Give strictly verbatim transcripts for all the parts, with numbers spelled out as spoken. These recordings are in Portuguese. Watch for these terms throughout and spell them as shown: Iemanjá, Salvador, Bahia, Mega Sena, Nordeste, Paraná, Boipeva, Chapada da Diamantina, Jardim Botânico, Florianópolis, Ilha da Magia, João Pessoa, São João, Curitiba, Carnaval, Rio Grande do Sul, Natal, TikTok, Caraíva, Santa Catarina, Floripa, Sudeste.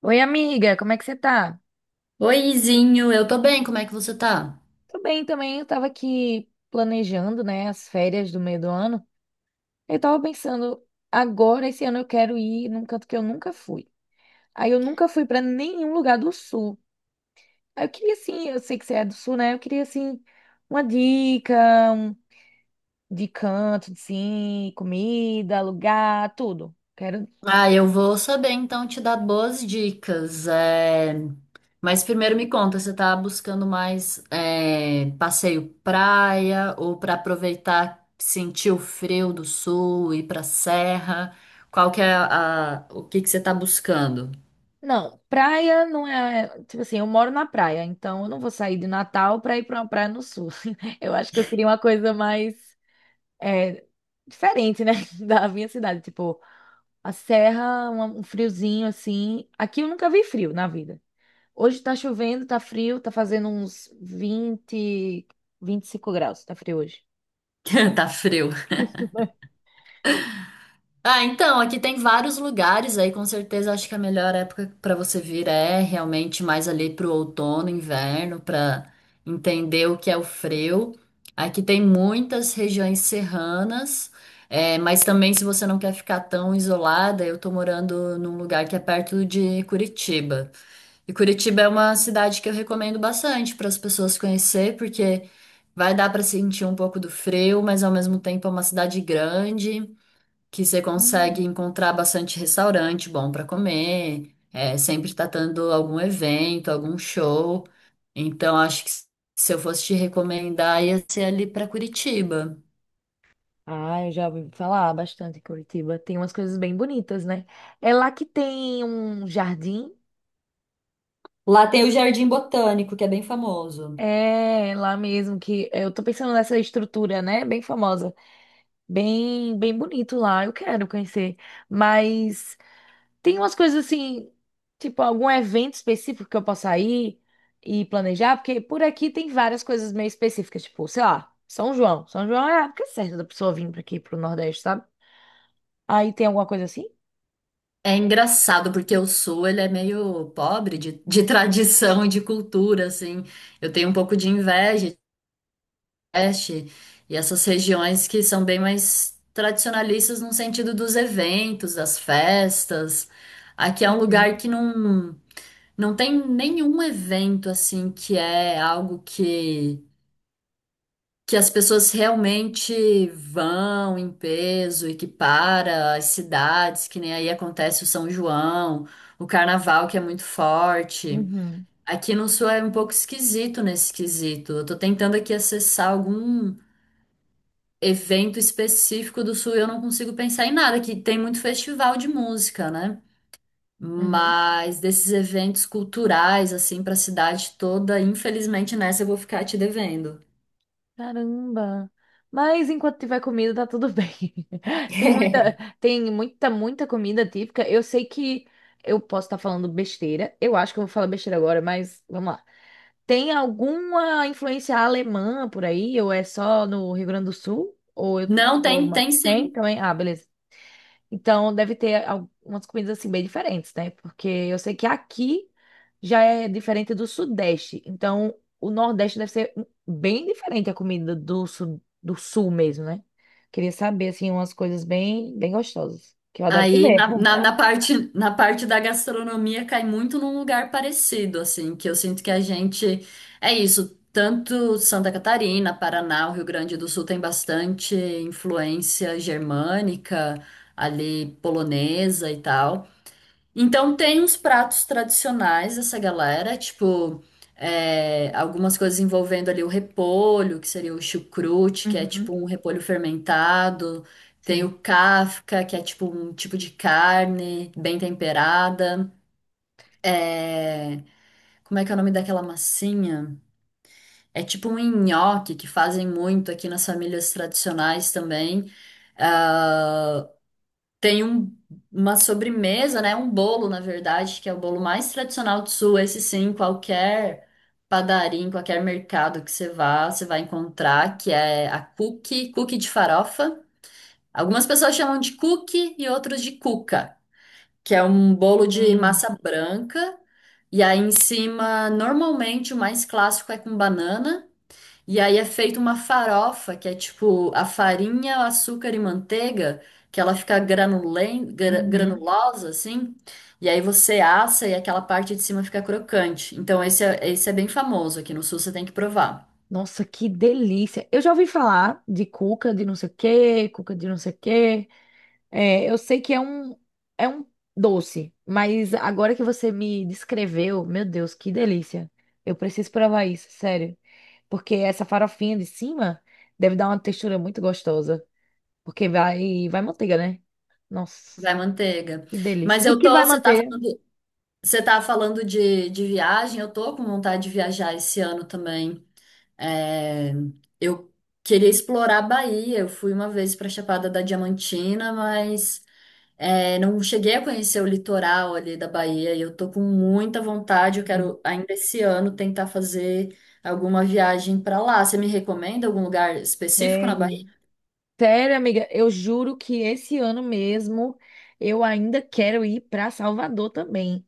Oi, amiga, como é que você tá? Oizinho, eu tô bem, como é que você tá? Tô bem também, eu tava aqui planejando, né, as férias do meio do ano. Eu tava pensando, agora esse ano eu quero ir num canto que eu nunca fui. Aí eu nunca fui pra nenhum lugar do sul. Aí eu queria assim, eu sei que você é do sul, né? Eu queria assim uma dica um- de canto, assim, comida, lugar, tudo. Quero Ah, eu vou saber então te dar boas dicas. é, Mas primeiro me conta, você tá buscando mais é, passeio praia ou pra aproveitar, sentir o frio do sul, ir pra serra? Qual que é a... a- o que que você tá buscando? Não, praia não é. Tipo assim, eu moro na praia, então eu não vou sair de Natal pra ir pra uma praia no sul. Eu acho que eu queria uma coisa mais é, diferente, né? Da minha cidade. Tipo, a serra, uma- um friozinho assim. Aqui eu nunca vi frio na vida. Hoje tá chovendo, tá frio, tá fazendo uns vinte, vinte e cinco graus, tá frio hoje. Tá frio. Ah, então, aqui tem vários lugares aí, com certeza acho que a melhor época para você vir é realmente mais ali pro outono, inverno, para entender o que é o frio. Aqui tem muitas regiões serranas, é, mas também se você não quer ficar tão isolada, eu tô morando num lugar que é perto de Curitiba. E Curitiba é uma cidade que eu recomendo bastante para as pessoas conhecer, porque vai dar para sentir um pouco do frio, mas ao mesmo tempo é uma cidade grande que você consegue Hum. encontrar bastante restaurante bom para comer, é, sempre tá tendo algum evento, algum show. Então, acho que se eu fosse te recomendar, ia ser ali para Curitiba. Ah, eu já ouvi falar bastante em Curitiba. Tem umas coisas bem bonitas, né? É lá que tem um jardim. Lá tem o Jardim Botânico, que é bem famoso. É, lá mesmo que eu tô pensando nessa estrutura, né? Bem famosa, bem, bem bonito lá. Eu quero conhecer, mas tem umas coisas assim, tipo algum evento específico que eu possa ir e planejar, porque por aqui tem várias coisas meio específicas, tipo, sei lá, São João. São João é a época certa da pessoa vir pra aqui pro Nordeste, sabe? Aí tem alguma coisa assim? É engraçado porque o Sul ele é meio pobre de, de tradição e de cultura, assim. Eu tenho um pouco de inveja Nordeste e essas regiões que são bem mais tradicionalistas no sentido dos eventos, das festas. Aqui é um Uhum, lugar que não, não tem nenhum evento assim que é algo que, que as pessoas realmente vão em peso e que para as cidades, que nem aí acontece o São João, o Carnaval que é muito forte. uhum, Aqui no Sul é um pouco esquisito nesse quesito. Eu tô tentando aqui acessar algum evento específico do Sul, eu não consigo pensar em nada, que tem muito festival de música, né? uhum. Mas desses eventos culturais, assim, para a cidade toda, infelizmente nessa eu vou ficar te devendo. Caramba. Mas enquanto tiver comida, tá tudo bem. Tem muita, tem muita, muita comida típica. Eu sei que eu posso estar falando besteira. Eu acho que eu vou falar besteira agora, mas vamos lá. Tem alguma influência alemã por aí? Ou é só no Rio Grande do Sul? Ou eu... Não, ou tem, uma- tem Tem sim. também? Ah, beleza. Então deve ter algumas comidas assim bem diferentes, né? Porque eu sei que aqui já é diferente do Sudeste. Então o Nordeste deve ser um, bem diferente a comida do Sul, do Sul mesmo, né? Queria saber, assim, umas coisas bem, bem gostosas, que eu adoro Aí comer. na, na, na parte, na parte da gastronomia cai muito num lugar parecido, assim, que eu sinto que a gente. É isso, tanto Santa Catarina, Paraná, o Rio Grande do Sul tem bastante influência germânica, ali polonesa e tal. Então tem uns pratos tradicionais dessa galera, tipo é, algumas coisas envolvendo ali o repolho, que seria o chucrute, que é tipo Uhum, um repolho fermentado. Tem sim. o kafka, que é tipo um tipo de carne bem temperada. É, como é que é o nome daquela massinha? É tipo um nhoque que fazem muito aqui nas famílias tradicionais também. Ah, tem um- uma sobremesa, né? Um bolo, na verdade, que é o bolo mais tradicional do Sul. Esse sim, qualquer padaria, em qualquer mercado que você vá, você vai encontrar, que é a cookie, cookie de farofa. Algumas pessoas chamam de cookie e outros de cuca, que é um bolo de Sim. massa branca. E aí em cima, normalmente o mais clássico é com banana. E aí é feita uma farofa, que é tipo a farinha, o açúcar e manteiga, que ela fica granulen, gra- Uhum. granulosa, assim. E aí você assa e aquela parte de cima fica crocante. Então esse é, esse é bem famoso aqui no Sul, você tem que provar. Nossa, que delícia! Eu já ouvi falar de cuca de não sei o quê, cuca de não sei o quê. É, eu sei que é um, é um doce, mas agora que você me descreveu, meu Deus, que delícia! Eu preciso provar isso, sério. Porque essa farofinha de cima deve dar uma textura muito gostosa. Porque vai, vai manteiga, né? Vai Nossa, manteiga. que delícia. Mas O eu que tô, vai você tá manteiga? falando, você tá falando de, de viagem, eu tô com vontade de viajar esse ano também. É, eu queria explorar a Bahia, eu fui uma vez pra Chapada da Diamantina, mas. É, não cheguei a conhecer o litoral ali da Bahia e eu tô com muita vontade. Eu Hum. quero ainda esse ano tentar fazer alguma viagem para lá. Você me recomenda algum lugar específico na Bahia? Sério. Sério, amiga, eu juro que esse ano mesmo eu ainda quero ir para Salvador também.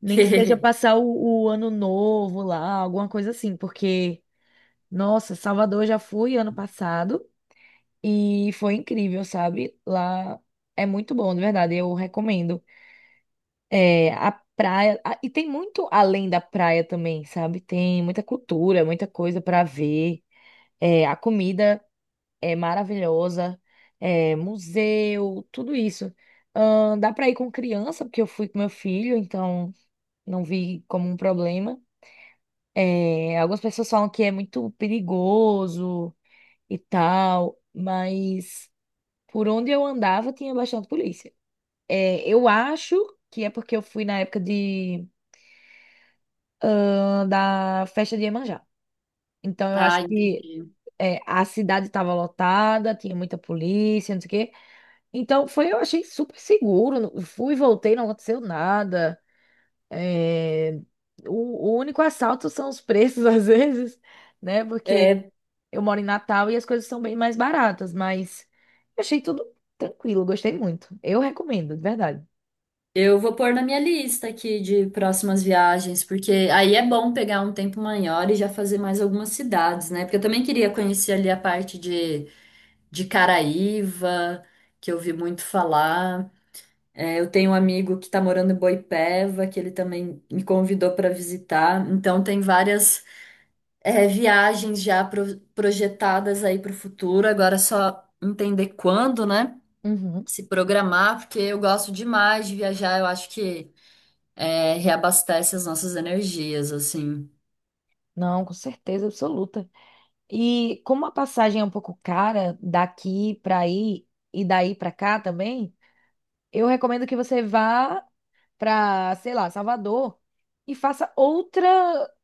Nem que seja passar o, o ano novo lá, alguma coisa assim, porque, nossa, Salvador eu já fui ano passado e foi incrível, sabe? Lá é muito bom, de verdade, eu recomendo. É, a praia, a- e tem muito além da praia também, sabe? Tem muita cultura, muita coisa para ver. É, a comida é maravilhosa, é museu, tudo isso. Ahn, dá para ir com criança, porque eu fui com meu filho, então não vi como um problema. É, algumas pessoas falam que é muito perigoso e tal, mas por onde eu andava tinha bastante polícia. É, eu acho que é porque eu fui na época de, ahn, da festa de Iemanjá. Então eu acho Ah, que entendi. é, a cidade estava lotada, tinha muita polícia, não sei o quê. Então, foi, eu achei super seguro. Não- Fui, voltei, não aconteceu nada. É, o, o único assalto são os preços, às vezes, né? Porque É, eu moro em Natal e as coisas são bem mais baratas, mas eu achei tudo tranquilo, gostei muito. Eu recomendo, de verdade. eu vou pôr na minha lista aqui de próximas viagens, porque aí é bom pegar um tempo maior e já fazer mais algumas cidades, né? Porque eu também queria conhecer ali a parte de, de Caraíva, que eu ouvi muito falar. É, eu tenho um amigo que está morando em Boipeva, que ele também me convidou para visitar. Então, tem várias, é, viagens já pro- projetadas aí para o futuro. Agora é só entender quando, né? Uhum. Se programar, porque eu gosto demais de viajar. Eu acho que, é, reabastece as nossas energias, assim. Não, com certeza absoluta. E como a passagem é um pouco cara daqui pra aí e daí pra cá também, eu recomendo que você vá para, sei lá, Salvador e faça outra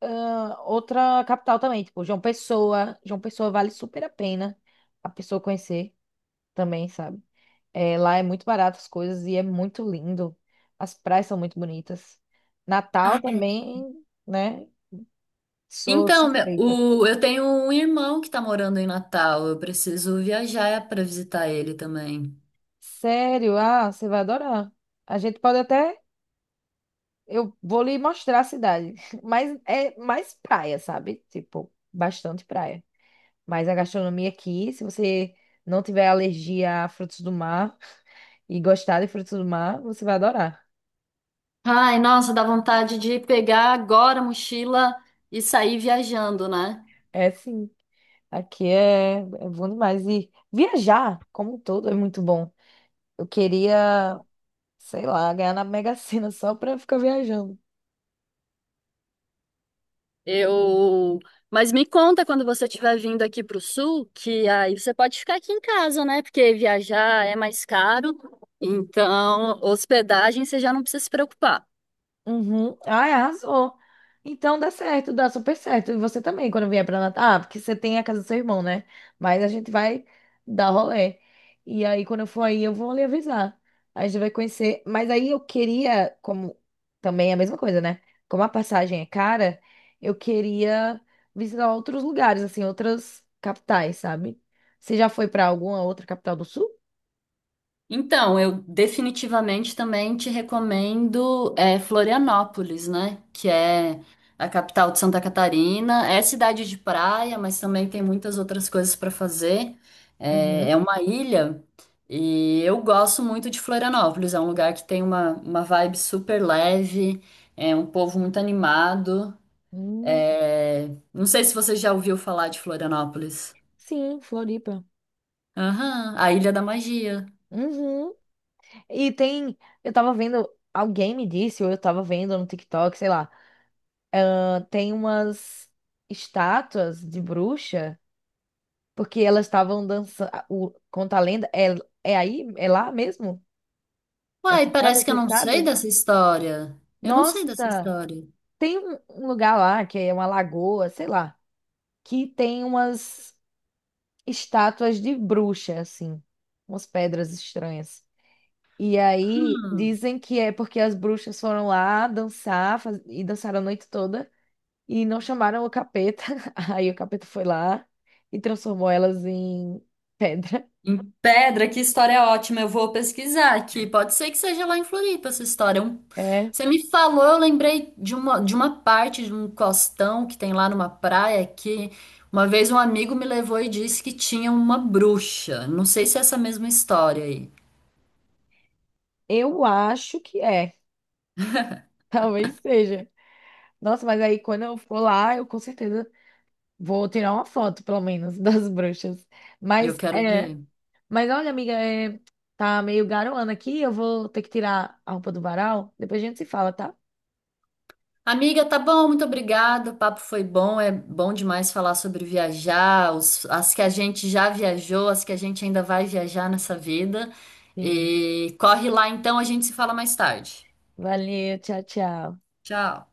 ah, outra capital também, tipo João Pessoa. João Pessoa vale super a pena a pessoa conhecer também, sabe? É, lá é muito barato as coisas e é muito lindo. As praias são muito bonitas. Ah, Natal é. também, né? Sou Então, meu- suspeita. o, eu tenho um irmão que está morando em Natal. Eu preciso viajar para visitar ele também. Sério? Ah, você vai adorar. A gente pode até eu vou lhe mostrar a cidade, mas é mais praia, sabe? Tipo, bastante praia. Mas a gastronomia aqui, se você não tiver alergia a frutos do mar e gostar de frutos do mar, você vai adorar. Ai, nossa, dá vontade de pegar agora a mochila e sair viajando, né? É sim, aqui é, é bom demais. E viajar, como um todo, é muito bom. Eu queria, sei lá, ganhar na Mega Sena só pra ficar viajando. Eu. Mas me conta quando você estiver vindo aqui para o sul, que aí você pode ficar aqui em casa, né? Porque viajar é mais caro, então hospedagem você já não precisa se preocupar. Uhum. Ai, arrasou. Então dá certo, dá super certo. E você também, quando vier pra Natal. Ah, porque você tem a casa do seu irmão, né? Mas a gente vai dar rolê. E aí, quando eu for aí, eu vou lhe avisar. Aí a gente vai conhecer. Mas aí eu queria, como também é a mesma coisa, né? Como a passagem é cara, eu queria visitar outros lugares, assim, outras capitais, sabe? Você já foi pra alguma outra capital do sul? Então, eu definitivamente também te recomendo é, Florianópolis, né? Que é a capital de Santa Catarina. É cidade de praia, mas também tem muitas outras coisas para fazer. Uhum. É, é uma ilha e eu gosto muito de Florianópolis. É um lugar que tem uma, uma vibe super leve, é um povo muito animado. Hum, É, não sei se você já ouviu falar de Florianópolis. sim, Floripa. Aham, a Ilha da Magia. Uhum. E tem. Eu tava vendo. Alguém me disse, ou eu tava vendo no TikTok, sei lá. Ah, tem umas estátuas de bruxa, porque elas estavam dançando. O, conta a lenda. É, é aí? É lá mesmo? Essa Uai, história, parece que eu você não sei sabe? dessa história. Eu não sei dessa Nossa! história. Tem um um lugar lá, que é uma lagoa, sei lá, que tem umas estátuas de bruxa, assim. Umas pedras estranhas. E aí Hum. dizem que é porque as bruxas foram lá dançar faz- e dançaram a noite toda. E não chamaram o capeta. Aí o capeta foi lá e transformou elas em pedra. Em pedra, que história ótima. Eu vou pesquisar aqui. Pode ser que seja lá em Floripa essa história. Um- É, Você me falou, eu lembrei de uma, de uma parte de um costão que tem lá numa praia que uma vez um amigo me levou e disse que tinha uma bruxa. Não sei se é essa mesma história aí. eu acho que é. Talvez seja. Nossa, mas aí quando eu for lá, eu com certeza vou tirar uma foto, pelo menos, das bruxas. Eu Mas quero é, ver. mas olha, amiga, é, tá meio garoando aqui, eu vou ter que tirar a roupa do varal. Depois a gente se fala, tá? Amiga, tá bom, muito obrigada. O papo foi bom, é bom demais falar sobre viajar, os- as que a gente já viajou, as que a gente ainda vai viajar nessa vida. Sim. E corre lá então, a gente se fala mais tarde. Valeu, tchau, tchau. Tchau.